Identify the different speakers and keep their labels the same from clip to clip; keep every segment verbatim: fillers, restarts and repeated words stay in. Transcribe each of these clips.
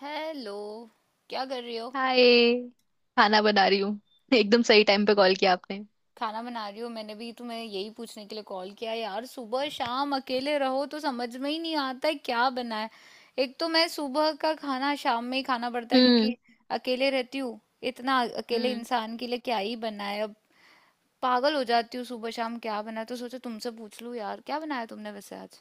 Speaker 1: Hello. क्या कर रही हो।
Speaker 2: हाय। खाना बना रही हूँ एकदम सही टाइम पे कॉल किया आपने।
Speaker 1: खाना बना रही हो? मैंने भी तुम्हें यही पूछने के लिए कॉल किया यार। सुबह शाम अकेले रहो तो समझ में ही नहीं आता है क्या बनाए। एक तो मैं सुबह का खाना शाम में ही खाना पड़ता है क्योंकि
Speaker 2: हम्म।
Speaker 1: अकेले रहती हूँ। इतना अकेले
Speaker 2: हम्म।
Speaker 1: इंसान के लिए क्या ही बनाए अब। पागल हो जाती हूँ सुबह शाम क्या बनाए तो सोचा तुमसे पूछ लूँ यार क्या बनाया तुमने वैसे आज।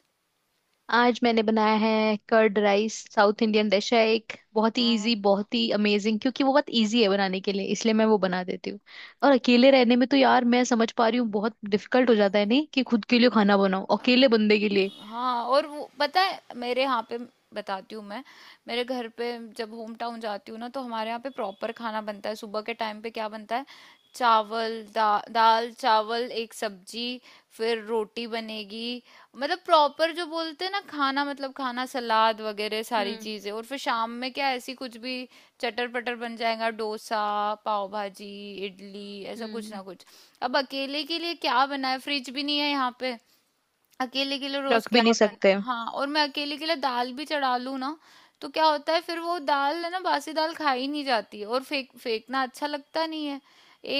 Speaker 2: आज मैंने बनाया है curd rice. South Indian dish है, एक बहुत ही इजी, बहुत ही अमेजिंग, क्योंकि वो बहुत इजी है बनाने के लिए, इसलिए मैं वो बना देती हूँ। और अकेले रहने में तो यार मैं समझ पा रही हूँ, बहुत डिफिकल्ट हो जाता है नहीं, कि खुद के लिए खाना बनाओ अकेले बंदे के लिए।
Speaker 1: हाँ और वो पता है मेरे यहाँ पे बताती हूँ मैं मेरे घर पे जब होम टाउन जाती हूँ ना तो हमारे यहाँ पे प्रॉपर खाना बनता है। सुबह के टाइम पे क्या बनता है चावल दा, दाल चावल एक सब्जी। फिर रोटी बनेगी। मतलब प्रॉपर जो बोलते हैं ना खाना मतलब खाना सलाद वगैरह सारी
Speaker 2: हम्म।
Speaker 1: चीजें। और फिर शाम में क्या ऐसी कुछ भी चटर पटर बन जाएगा, डोसा, पाव भाजी, इडली, ऐसा कुछ ना
Speaker 2: हम्म।
Speaker 1: कुछ। अब अकेले के लिए क्या बना है, फ्रिज भी नहीं है यहाँ पे। अकेले के लिए रोज
Speaker 2: रख भी
Speaker 1: क्या
Speaker 2: नहीं सकते।
Speaker 1: बना। हाँ और मैं अकेले के लिए दाल भी चढ़ा लूँ ना, तो क्या होता है फिर वो दाल है ना, बासी दाल खाई नहीं जाती है और फेंक फेंकना अच्छा लगता नहीं है।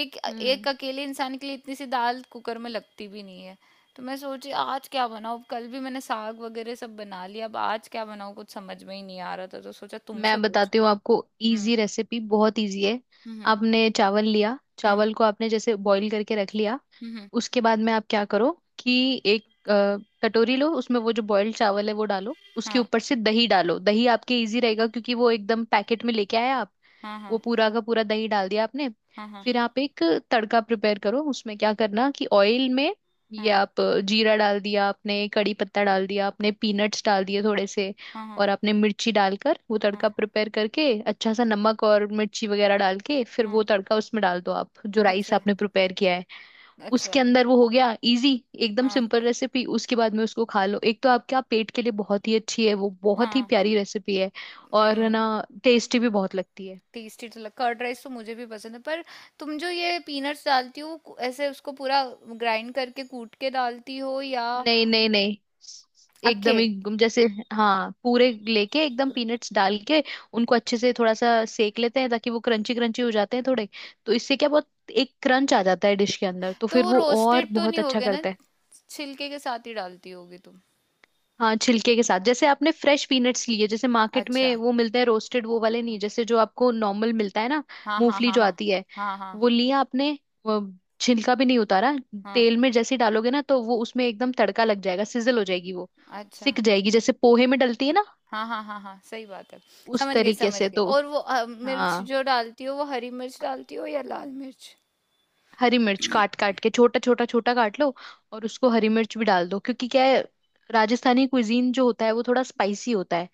Speaker 1: एक
Speaker 2: हम्म।
Speaker 1: एक अकेले इंसान के लिए इतनी सी दाल कुकर में लगती भी नहीं है। तो मैं सोची आज क्या बनाऊँ, कल भी मैंने साग वगैरह सब बना लिया, अब आज क्या बनाऊँ कुछ समझ में ही नहीं आ रहा था तो सोचा तुमसे
Speaker 2: मैं
Speaker 1: पूछ।
Speaker 2: बताती हूँ आपको
Speaker 1: हम्म।
Speaker 2: इजी रेसिपी, बहुत इजी है।
Speaker 1: हम्म।
Speaker 2: आपने चावल लिया,
Speaker 1: हम्म।
Speaker 2: चावल को आपने जैसे बॉईल करके रख लिया।
Speaker 1: हम्म। हम्म,
Speaker 2: उसके बाद में आप क्या करो, कि एक अ, कटोरी लो, उसमें वो जो बॉइल्ड चावल है वो डालो, उसके
Speaker 1: हाँ।
Speaker 2: ऊपर से दही डालो। दही आपके इजी रहेगा, क्योंकि वो एकदम पैकेट में लेके आए आप।
Speaker 1: हाँ हाँ
Speaker 2: वो पूरा का पूरा दही डाल दिया आपने।
Speaker 1: हाँ। हाँ
Speaker 2: फिर आप एक तड़का प्रिपेयर करो, उसमें क्या करना कि ऑयल में ये
Speaker 1: हाँ
Speaker 2: आप जीरा डाल दिया आपने, कड़ी पत्ता डाल दिया आपने, पीनट्स डाल दिए थोड़े से।
Speaker 1: हाँ हाँ। हाँ
Speaker 2: और आपने मिर्ची डालकर वो
Speaker 1: हाँ,
Speaker 2: तड़का प्रिपेयर करके, अच्छा सा नमक और मिर्ची वगैरह डाल के, फिर
Speaker 1: हाँ,
Speaker 2: वो तड़का उसमें डाल दो, आप जो राइस
Speaker 1: अच्छा।
Speaker 2: आपने प्रिपेयर किया है
Speaker 1: अच्छा।
Speaker 2: उसके अंदर। वो हो गया इजी, एकदम
Speaker 1: हाँ
Speaker 2: सिंपल रेसिपी। उसके बाद में उसको खा लो। एक तो आपका पेट के लिए बहुत ही अच्छी है वो, बहुत ही
Speaker 1: हाँ।
Speaker 2: प्यारी रेसिपी है। और
Speaker 1: हम्म।
Speaker 2: ना, टेस्टी भी बहुत लगती है।
Speaker 1: टेस्टी तो लग, कर्ड राइस तो मुझे भी पसंद है, पर तुम जो ये पीनट्स डालती हो कु- ऐसे उसको पूरा ग्राइंड करके कूट के डालती हो या।
Speaker 2: नहीं नहीं नहीं,
Speaker 1: अखे।
Speaker 2: एकदम ही गुम- जैसे। हाँ, पूरे लेके एकदम पीनट्स डाल के उनको अच्छे से थोड़ा सा सेक लेते हैं, ताकि वो क्रंची क्रंची हो जाते हैं थोड़े। तो इससे क्या, बहुत एक क्रंच आ जाता है डिश के अंदर, तो
Speaker 1: तो
Speaker 2: फिर
Speaker 1: वो
Speaker 2: वो और
Speaker 1: रोस्टेड तो
Speaker 2: बहुत
Speaker 1: नहीं
Speaker 2: अच्छा
Speaker 1: होगे ना,
Speaker 2: करता है।
Speaker 1: छिलके के साथ ही डालती होगी तुम।
Speaker 2: हाँ, छिलके के साथ। जैसे आपने फ्रेश पीनट्स लिए, जैसे मार्केट
Speaker 1: अच्छा।
Speaker 2: में वो मिलते हैं रोस्टेड, वो वाले नहीं, जैसे जो आपको नॉर्मल मिलता है ना,
Speaker 1: हाँ हाँ
Speaker 2: मूंगफली
Speaker 1: हाँ
Speaker 2: जो
Speaker 1: हाँ।
Speaker 2: आती है,
Speaker 1: हाँ हाँ
Speaker 2: वो लिया आपने। वो छिलका भी नहीं उतारा।
Speaker 1: हाँ।
Speaker 2: तेल में जैसे ही डालोगे ना तो वो उसमें एकदम तड़का लग जाएगा, सिजल हो जाएगी वो,
Speaker 1: अच्छा।
Speaker 2: सिक जाएगी, जैसे पोहे में डलती है ना,
Speaker 1: हाँ हाँ हाँ हाँ। सही बात है।
Speaker 2: उस
Speaker 1: समझ गई
Speaker 2: तरीके
Speaker 1: समझ
Speaker 2: से
Speaker 1: गई।
Speaker 2: तो।
Speaker 1: और वो अ, मिर्च
Speaker 2: हाँ,
Speaker 1: जो डालती हो, वो हरी मिर्च डालती हो या लाल मिर्च।
Speaker 2: हरी मिर्च काट काट के छोटा छोटा छोटा काट लो, और उसको हरी मिर्च भी डाल दो, क्योंकि क्या है, राजस्थानी कुजीन जो होता है वो थोड़ा स्पाइसी होता है।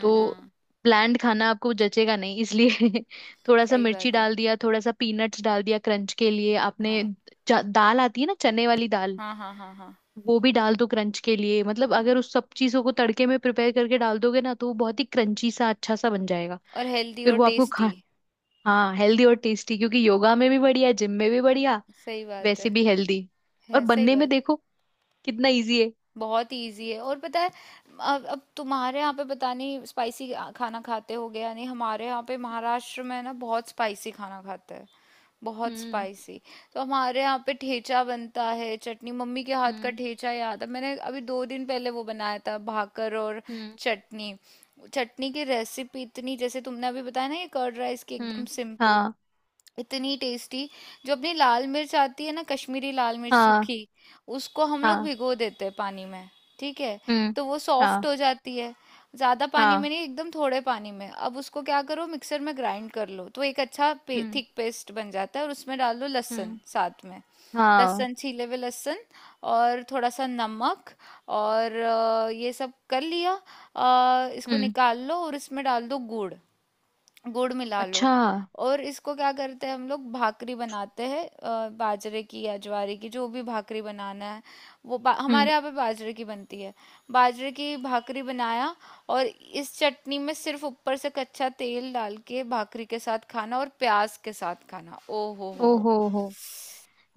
Speaker 2: तो
Speaker 1: हम्म।
Speaker 2: ब्land खाना आपको जचेगा नहीं, इसलिए थोड़ा सा
Speaker 1: सही
Speaker 2: मिर्ची
Speaker 1: बात है।
Speaker 2: डाल दिया, थोड़ा सा पीनट्स डाल दिया क्रंच के लिए आपने।
Speaker 1: हाँ
Speaker 2: च- दाल आती है ना चने वाली दाल,
Speaker 1: हाँ हाँ। हाँ हाँ
Speaker 2: वो भी डाल दो क्रंच के लिए। मतलब अगर
Speaker 1: हाँ।
Speaker 2: उस सब चीजों को तड़के में प्रिपेयर करके डाल दोगे ना, तो वो बहुत ही क्रंची सा अच्छा सा बन जाएगा।
Speaker 1: और हेल्दी
Speaker 2: फिर
Speaker 1: और
Speaker 2: वो आपको
Speaker 1: टेस्टी।
Speaker 2: खा। हाँ, हेल्दी और टेस्टी, क्योंकि योगा में भी बढ़िया, जिम में भी बढ़िया,
Speaker 1: सही बात है,
Speaker 2: वैसे भी हेल्दी। और
Speaker 1: है सही
Speaker 2: बनने में
Speaker 1: बात है।
Speaker 2: देखो कितना इजी है।
Speaker 1: बहुत इजी है। और पता है अब अब तुम्हारे यहाँ पे पता नहीं स्पाइसी खाना खाते हो गया नहीं, हमारे यहाँ पे महाराष्ट्र में ना बहुत स्पाइसी खाना खाते हैं। बहुत
Speaker 2: हम्म।
Speaker 1: स्पाइसी। तो हमारे यहाँ पे ठेचा बनता है चटनी, मम्मी के हाथ का
Speaker 2: हम्म।
Speaker 1: ठेचा। याद है मैंने अभी दो दिन पहले वो बनाया था भाकर और
Speaker 2: हम्म।
Speaker 1: चटनी। चटनी की रेसिपी इतनी, जैसे तुमने अभी बताया ना ये कर्ड राइस की एकदम
Speaker 2: हम्म।
Speaker 1: सिंपल,
Speaker 2: हाँ।
Speaker 1: इतनी टेस्टी। जो अपनी लाल मिर्च आती है ना कश्मीरी लाल मिर्च
Speaker 2: हाँ।
Speaker 1: सूखी, उसको हम लोग
Speaker 2: हाँ।
Speaker 1: भिगो देते हैं पानी में। ठीक है।
Speaker 2: हम्म।
Speaker 1: तो वो सॉफ्ट
Speaker 2: हाँ।
Speaker 1: हो जाती है। ज्यादा पानी में
Speaker 2: हाँ।
Speaker 1: नहीं, एकदम थोड़े पानी में। अब उसको क्या करो, मिक्सर में ग्राइंड कर लो, तो एक अच्छा पे,
Speaker 2: हम्म।
Speaker 1: थिक पेस्ट बन जाता है। और उसमें डाल दो लहसुन
Speaker 2: हम्म।
Speaker 1: साथ में,
Speaker 2: हाँ।
Speaker 1: लहसुन छीले हुए लहसुन। और थोड़ा सा नमक। और अ, ये सब कर लिया अ, इसको
Speaker 2: हम्म।
Speaker 1: निकाल लो और इसमें डाल दो गुड़। गुड़ मिला लो।
Speaker 2: अच्छा।
Speaker 1: और इसको क्या करते हैं, हम लोग भाकरी बनाते हैं अ, बाजरे की या ज्वारे की, जो भी भाकरी बनाना है। वो बा,
Speaker 2: हम्म।
Speaker 1: हमारे यहाँ पे बाजरे की बनती है। बाजरे की भाकरी बनाया। और इस चटनी में सिर्फ ऊपर से कच्चा तेल डाल के भाकरी के साथ खाना और प्याज के साथ खाना, ओ हो हो हो।
Speaker 2: ओहो हो।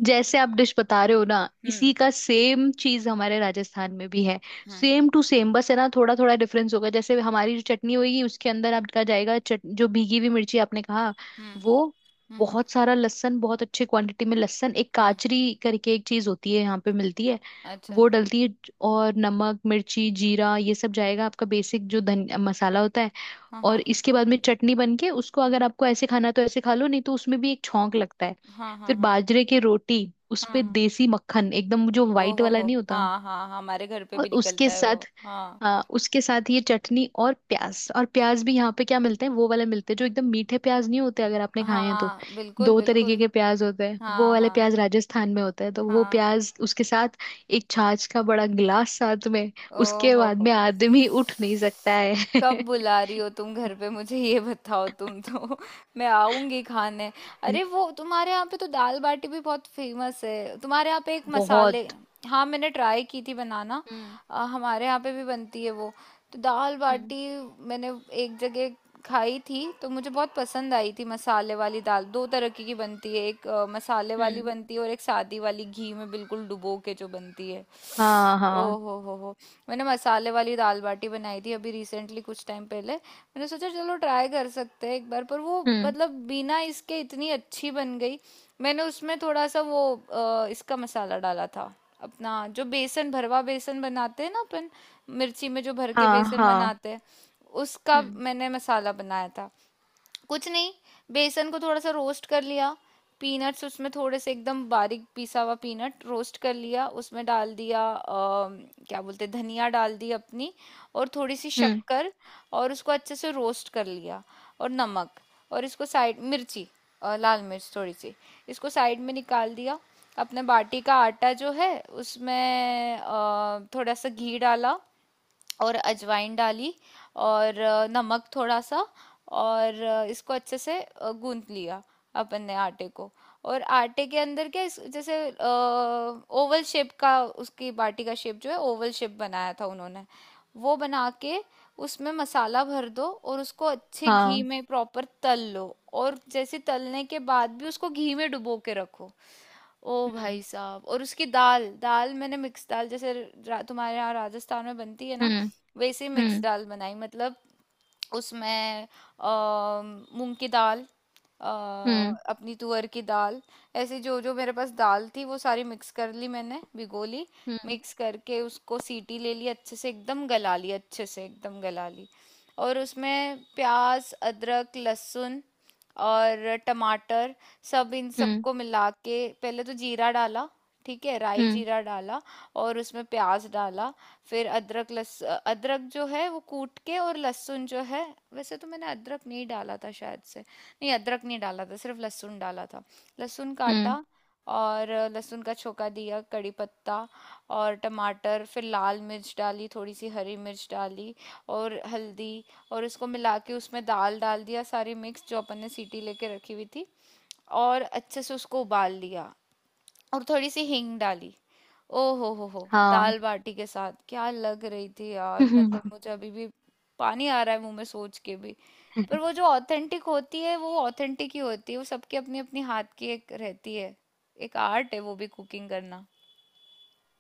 Speaker 2: जैसे आप डिश बता रहे हो ना, इसी
Speaker 1: हम्म
Speaker 2: का सेम चीज हमारे राजस्थान में भी है,
Speaker 1: हम्म
Speaker 2: सेम टू सेम। बस है ना, थोड़ा थोड़ा डिफरेंस होगा। जैसे हमारी जो चटनी होगी, उसके अंदर आपका जाएगा चट, जो भीगी हुई मिर्ची आपने कहा
Speaker 1: हम्म।
Speaker 2: वो,
Speaker 1: हम्म हम्म
Speaker 2: बहुत सारा लहसुन, बहुत अच्छे क्वांटिटी में लहसुन, एक
Speaker 1: हम्म,
Speaker 2: काचरी करके एक चीज होती है यहाँ पे मिलती है,
Speaker 1: अच्छा।
Speaker 2: वो डलती है। और नमक, मिर्ची, जीरा, ये सब जाएगा आपका बेसिक जो धन मसाला होता है।
Speaker 1: हाँ
Speaker 2: और
Speaker 1: हाँ
Speaker 2: इसके बाद में चटनी बन के उसको अगर आपको ऐसे खाना तो ऐसे खा लो, नहीं तो उसमें भी एक छौंक लगता है।
Speaker 1: हाँ हाँ
Speaker 2: फिर
Speaker 1: हाँ
Speaker 2: बाजरे की रोटी, उस
Speaker 1: हाँ
Speaker 2: पे
Speaker 1: हाँ।
Speaker 2: देसी मक्खन, एकदम जो
Speaker 1: ओ
Speaker 2: वाइट
Speaker 1: हो
Speaker 2: वाला
Speaker 1: हो।
Speaker 2: नहीं होता।
Speaker 1: हाँ हाँ हाँ, हमारे घर पे
Speaker 2: और
Speaker 1: भी
Speaker 2: उसके
Speaker 1: निकलता है वो।
Speaker 2: साथ
Speaker 1: हाँ
Speaker 2: आ, उसके साथ ये चटनी और प्याज। और प्याज भी यहाँ पे क्या मिलते हैं, वो वाले मिलते हैं जो एकदम मीठे प्याज नहीं होते, अगर आपने खाए हैं तो।
Speaker 1: हाँ बिल्कुल
Speaker 2: दो तरीके
Speaker 1: बिल्कुल।
Speaker 2: के प्याज होते हैं, वो
Speaker 1: हाँ
Speaker 2: वाले
Speaker 1: हाँ
Speaker 2: प्याज राजस्थान में होते हैं। तो वो
Speaker 1: हाँ।
Speaker 2: प्याज उसके साथ, एक छाछ का बड़ा गिलास साथ में।
Speaker 1: ओहो
Speaker 2: उसके
Speaker 1: हो
Speaker 2: बाद में
Speaker 1: हो।
Speaker 2: आदमी उठ नहीं सकता
Speaker 1: कब
Speaker 2: है।
Speaker 1: बुला रही हो तुम घर पे मुझे, ये बताओ तुम तो मैं आऊंगी खाने। अरे वो तुम्हारे यहाँ पे तो दाल बाटी भी बहुत फेमस है, तुम्हारे यहाँ पे एक मसाले।
Speaker 2: बहुत।
Speaker 1: हाँ मैंने ट्राई की थी बनाना।
Speaker 2: हम्म।
Speaker 1: अ, हमारे यहाँ पे भी बनती है वो, तो दाल
Speaker 2: हम्म।
Speaker 1: बाटी मैंने एक जगह खाई थी तो मुझे बहुत पसंद आई थी मसाले वाली दाल। दो तरह की की बनती है, एक अ, मसाले वाली
Speaker 2: हम्म।
Speaker 1: बनती है और एक सादी वाली घी में बिल्कुल डुबो के जो बनती है।
Speaker 2: हाँ।
Speaker 1: ओ
Speaker 2: हाँ।
Speaker 1: हो हो हो। मैंने मसाले वाली दाल बाटी बनाई थी अभी रिसेंटली, कुछ टाइम पहले मैंने सोचा चलो ट्राई कर सकते हैं एक बार, पर वो
Speaker 2: हम्म।
Speaker 1: मतलब बिना इसके इतनी अच्छी बन गई। मैंने उसमें थोड़ा सा वो अ, इसका मसाला डाला था। अपना जो बेसन भरवा बेसन बनाते हैं ना अपन, मिर्ची में जो भर के
Speaker 2: हाँ।
Speaker 1: बेसन
Speaker 2: हाँ।
Speaker 1: बनाते हैं, उसका
Speaker 2: हम्म।
Speaker 1: मैंने मसाला बनाया था। कुछ नहीं, बेसन को थोड़ा सा रोस्ट कर लिया, पीनट्स उसमें थोड़े से एकदम बारीक पिसा हुआ पीनट रोस्ट कर लिया, उसमें डाल दिया अ, क्या बोलते हैं, धनिया डाल दी अपनी, और थोड़ी सी
Speaker 2: हम्म।
Speaker 1: शक्कर, और उसको अच्छे से रोस्ट कर लिया, और नमक, और इसको साइड, मिर्ची अ, लाल मिर्च थोड़ी सी, इसको साइड में निकाल दिया। अपने बाटी का आटा जो है उसमें अ, थोड़ा सा घी डाला, और अजवाइन डाली, और अ, नमक थोड़ा सा, और अ, इसको अच्छे से अ, गूंथ लिया अपन ने आटे को। और आटे के अंदर क्या इस- जैसे ओवल शेप का, उसकी बाटी का शेप जो है ओवल शेप बनाया था उन्होंने। वो बना के उसमें मसाला भर दो और उसको अच्छे घी
Speaker 2: हाँ।
Speaker 1: में प्रॉपर तल लो। और जैसे तलने के बाद भी उसको घी में डुबो के रखो। ओ भाई
Speaker 2: हम्म।
Speaker 1: साहब। और उसकी दाल दाल मैंने मिक्स दाल जैसे रा, तुम्हारे यहाँ राजस्थान में बनती है ना
Speaker 2: हम्म।
Speaker 1: वैसे मिक्स
Speaker 2: हम्म।
Speaker 1: दाल बनाई मतलब। उसमें अ, मूंग की दाल, अ,
Speaker 2: हम्म।
Speaker 1: अपनी तुअर की दाल, ऐसे जो जो मेरे पास दाल थी वो सारी मिक्स कर ली, मैंने भिगो ली,
Speaker 2: हम्म।
Speaker 1: मिक्स करके उसको सीटी ले ली अच्छे से, एकदम गला ली अच्छे से एकदम गला ली। और उसमें प्याज अदरक लहसुन और टमाटर, सब इन
Speaker 2: हम्म।
Speaker 1: सबको मिला के पहले तो जीरा डाला, ठीक है, राई
Speaker 2: हम्म।
Speaker 1: जीरा डाला, और उसमें प्याज डाला, फिर अदरक लस अदरक जो है वो कूट के, और लहसुन जो है, वैसे तो मैंने अदरक नहीं डाला था शायद से, नहीं अदरक नहीं डाला था, सिर्फ लहसुन डाला था, लहसुन
Speaker 2: हम्म।
Speaker 1: काटा, और लहसुन का छोका दिया, कड़ी पत्ता और टमाटर, फिर लाल मिर्च डाली थोड़ी सी, हरी मिर्च डाली, और हल्दी, और इसको मिला के उसमें दाल डाल दिया सारी मिक्स जो अपन ने सीटी लेके रखी हुई थी, और अच्छे से उसको उबाल लिया, और थोड़ी सी हींग डाली। ओ हो हो हो
Speaker 2: हाँ।
Speaker 1: दाल बाटी के साथ क्या लग रही थी यार, मतलब मुझे अभी भी पानी आ रहा है मुंह में सोच के भी। पर वो जो ऑथेंटिक होती है वो ऑथेंटिक ही होती है, वो सबकी अपनी अपनी हाथ की एक रहती है। एक आर्ट है वो भी कुकिंग करना।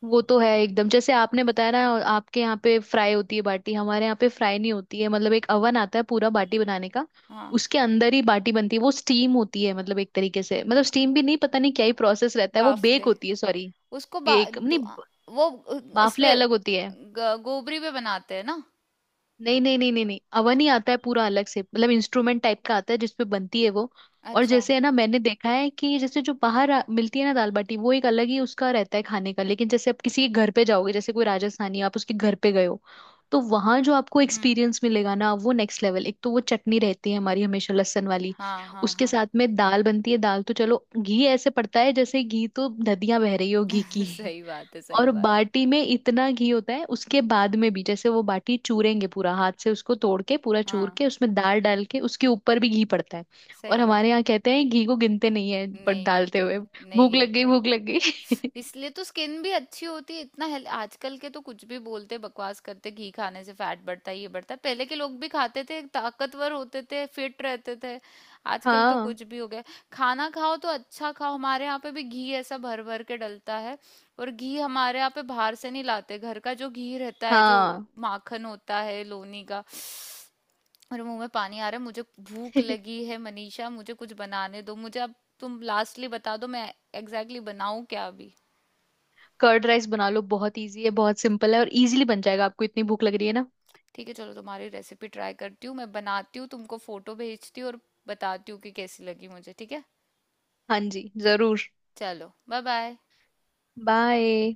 Speaker 2: वो तो है एकदम, जैसे आपने बताया ना, आपके यहाँ पे फ्राई होती है बाटी, हमारे यहाँ पे फ्राई नहीं होती है। मतलब एक अवन आता है पूरा बाटी बनाने का,
Speaker 1: हाँ,
Speaker 2: उसके अंदर ही बाटी बनती है। वो स्टीम होती है मतलब एक तरीके से, मतलब स्टीम भी नहीं, पता नहीं क्या ही प्रोसेस रहता है, वो
Speaker 1: बाफले।
Speaker 2: बेक होती है, सॉरी,
Speaker 1: उसको बा
Speaker 2: बेक
Speaker 1: दु-
Speaker 2: नहीं,
Speaker 1: आ- वो उ-
Speaker 2: बाफले
Speaker 1: इसपे
Speaker 2: अलग होती है।
Speaker 1: ग- गोबरी पे बनाते हैं ना।
Speaker 2: नहीं नहीं नहीं नहीं नहीं, अवन ही आता है पूरा अलग से, मतलब इंस्ट्रूमेंट टाइप का आता है जिसपे बनती है वो। और
Speaker 1: अच्छा।
Speaker 2: जैसे है ना, मैंने देखा है कि जैसे जो बाहर आ- मिलती है ना दाल बाटी, वो एक अलग ही उसका रहता है खाने का, लेकिन जैसे आप किसी के घर पे जाओगे, जैसे कोई राजस्थानी आप उसके घर पे गए हो, तो वहां जो आपको
Speaker 1: हम्म।
Speaker 2: एक्सपीरियंस मिलेगा ना, वो नेक्स्ट लेवल। एक तो वो चटनी रहती है हमारी हमेशा लहसुन वाली,
Speaker 1: हाँ हाँ
Speaker 2: उसके
Speaker 1: हाँ।
Speaker 2: साथ में दाल बनती है दाल, तो चलो घी ऐसे पड़ता है, जैसे घी तो नदियां बह रही हो घी की।
Speaker 1: सही बात है सही
Speaker 2: और
Speaker 1: बात।
Speaker 2: बाटी में इतना घी होता है, उसके बाद में भी जैसे वो बाटी चूरेंगे पूरा हाथ से, उसको तोड़ के पूरा चूर
Speaker 1: हाँ
Speaker 2: के उसमें दाल डाल के, उसके ऊपर भी घी पड़ता है। और
Speaker 1: सही है।
Speaker 2: हमारे यहाँ कहते हैं घी को गिनते नहीं है पर
Speaker 1: नहीं
Speaker 2: डालते
Speaker 1: गिनते,
Speaker 2: हुए।
Speaker 1: नहीं
Speaker 2: भूख लग गई,
Speaker 1: गिनते।
Speaker 2: भूख लग गई।
Speaker 1: इसलिए तो स्किन भी अच्छी होती है इतना हेल। आजकल के तो कुछ भी बोलते बकवास करते, घी खाने से फैट बढ़ता है, ये बढ़ता है। पहले के लोग भी खाते थे, ताकतवर होते थे, फिट रहते थे। आजकल तो
Speaker 2: हाँ
Speaker 1: कुछ भी हो गया। खाना खाओ तो अच्छा खाओ। हमारे यहाँ पे भी घी ऐसा भर भर के डलता है। और घी हमारे यहाँ पे बाहर से नहीं लाते, घर का जो घी रहता है, जो
Speaker 2: हाँ।
Speaker 1: माखन होता है लोनी का। और मुंह में पानी आ रहा है मुझे। भूख लगी है मनीषा, मुझे कुछ बनाने दो मुझे अब। तुम लास्टली बता दो मैं एग्जैक्टली बनाऊं क्या अभी।
Speaker 2: कर्ड राइस बना लो, बहुत इजी है, बहुत सिंपल है, और इजीली बन जाएगा। आपको इतनी भूख लग रही है ना।
Speaker 1: ठीक है, चलो तुम्हारी रेसिपी ट्राई करती हूँ, मैं बनाती हूँ तुमको फोटो भेजती हूँ और बताती हूँ कि कैसी लगी मुझे, ठीक है।
Speaker 2: हाँ जी जरूर।
Speaker 1: चलो बाय बाय।
Speaker 2: बाय।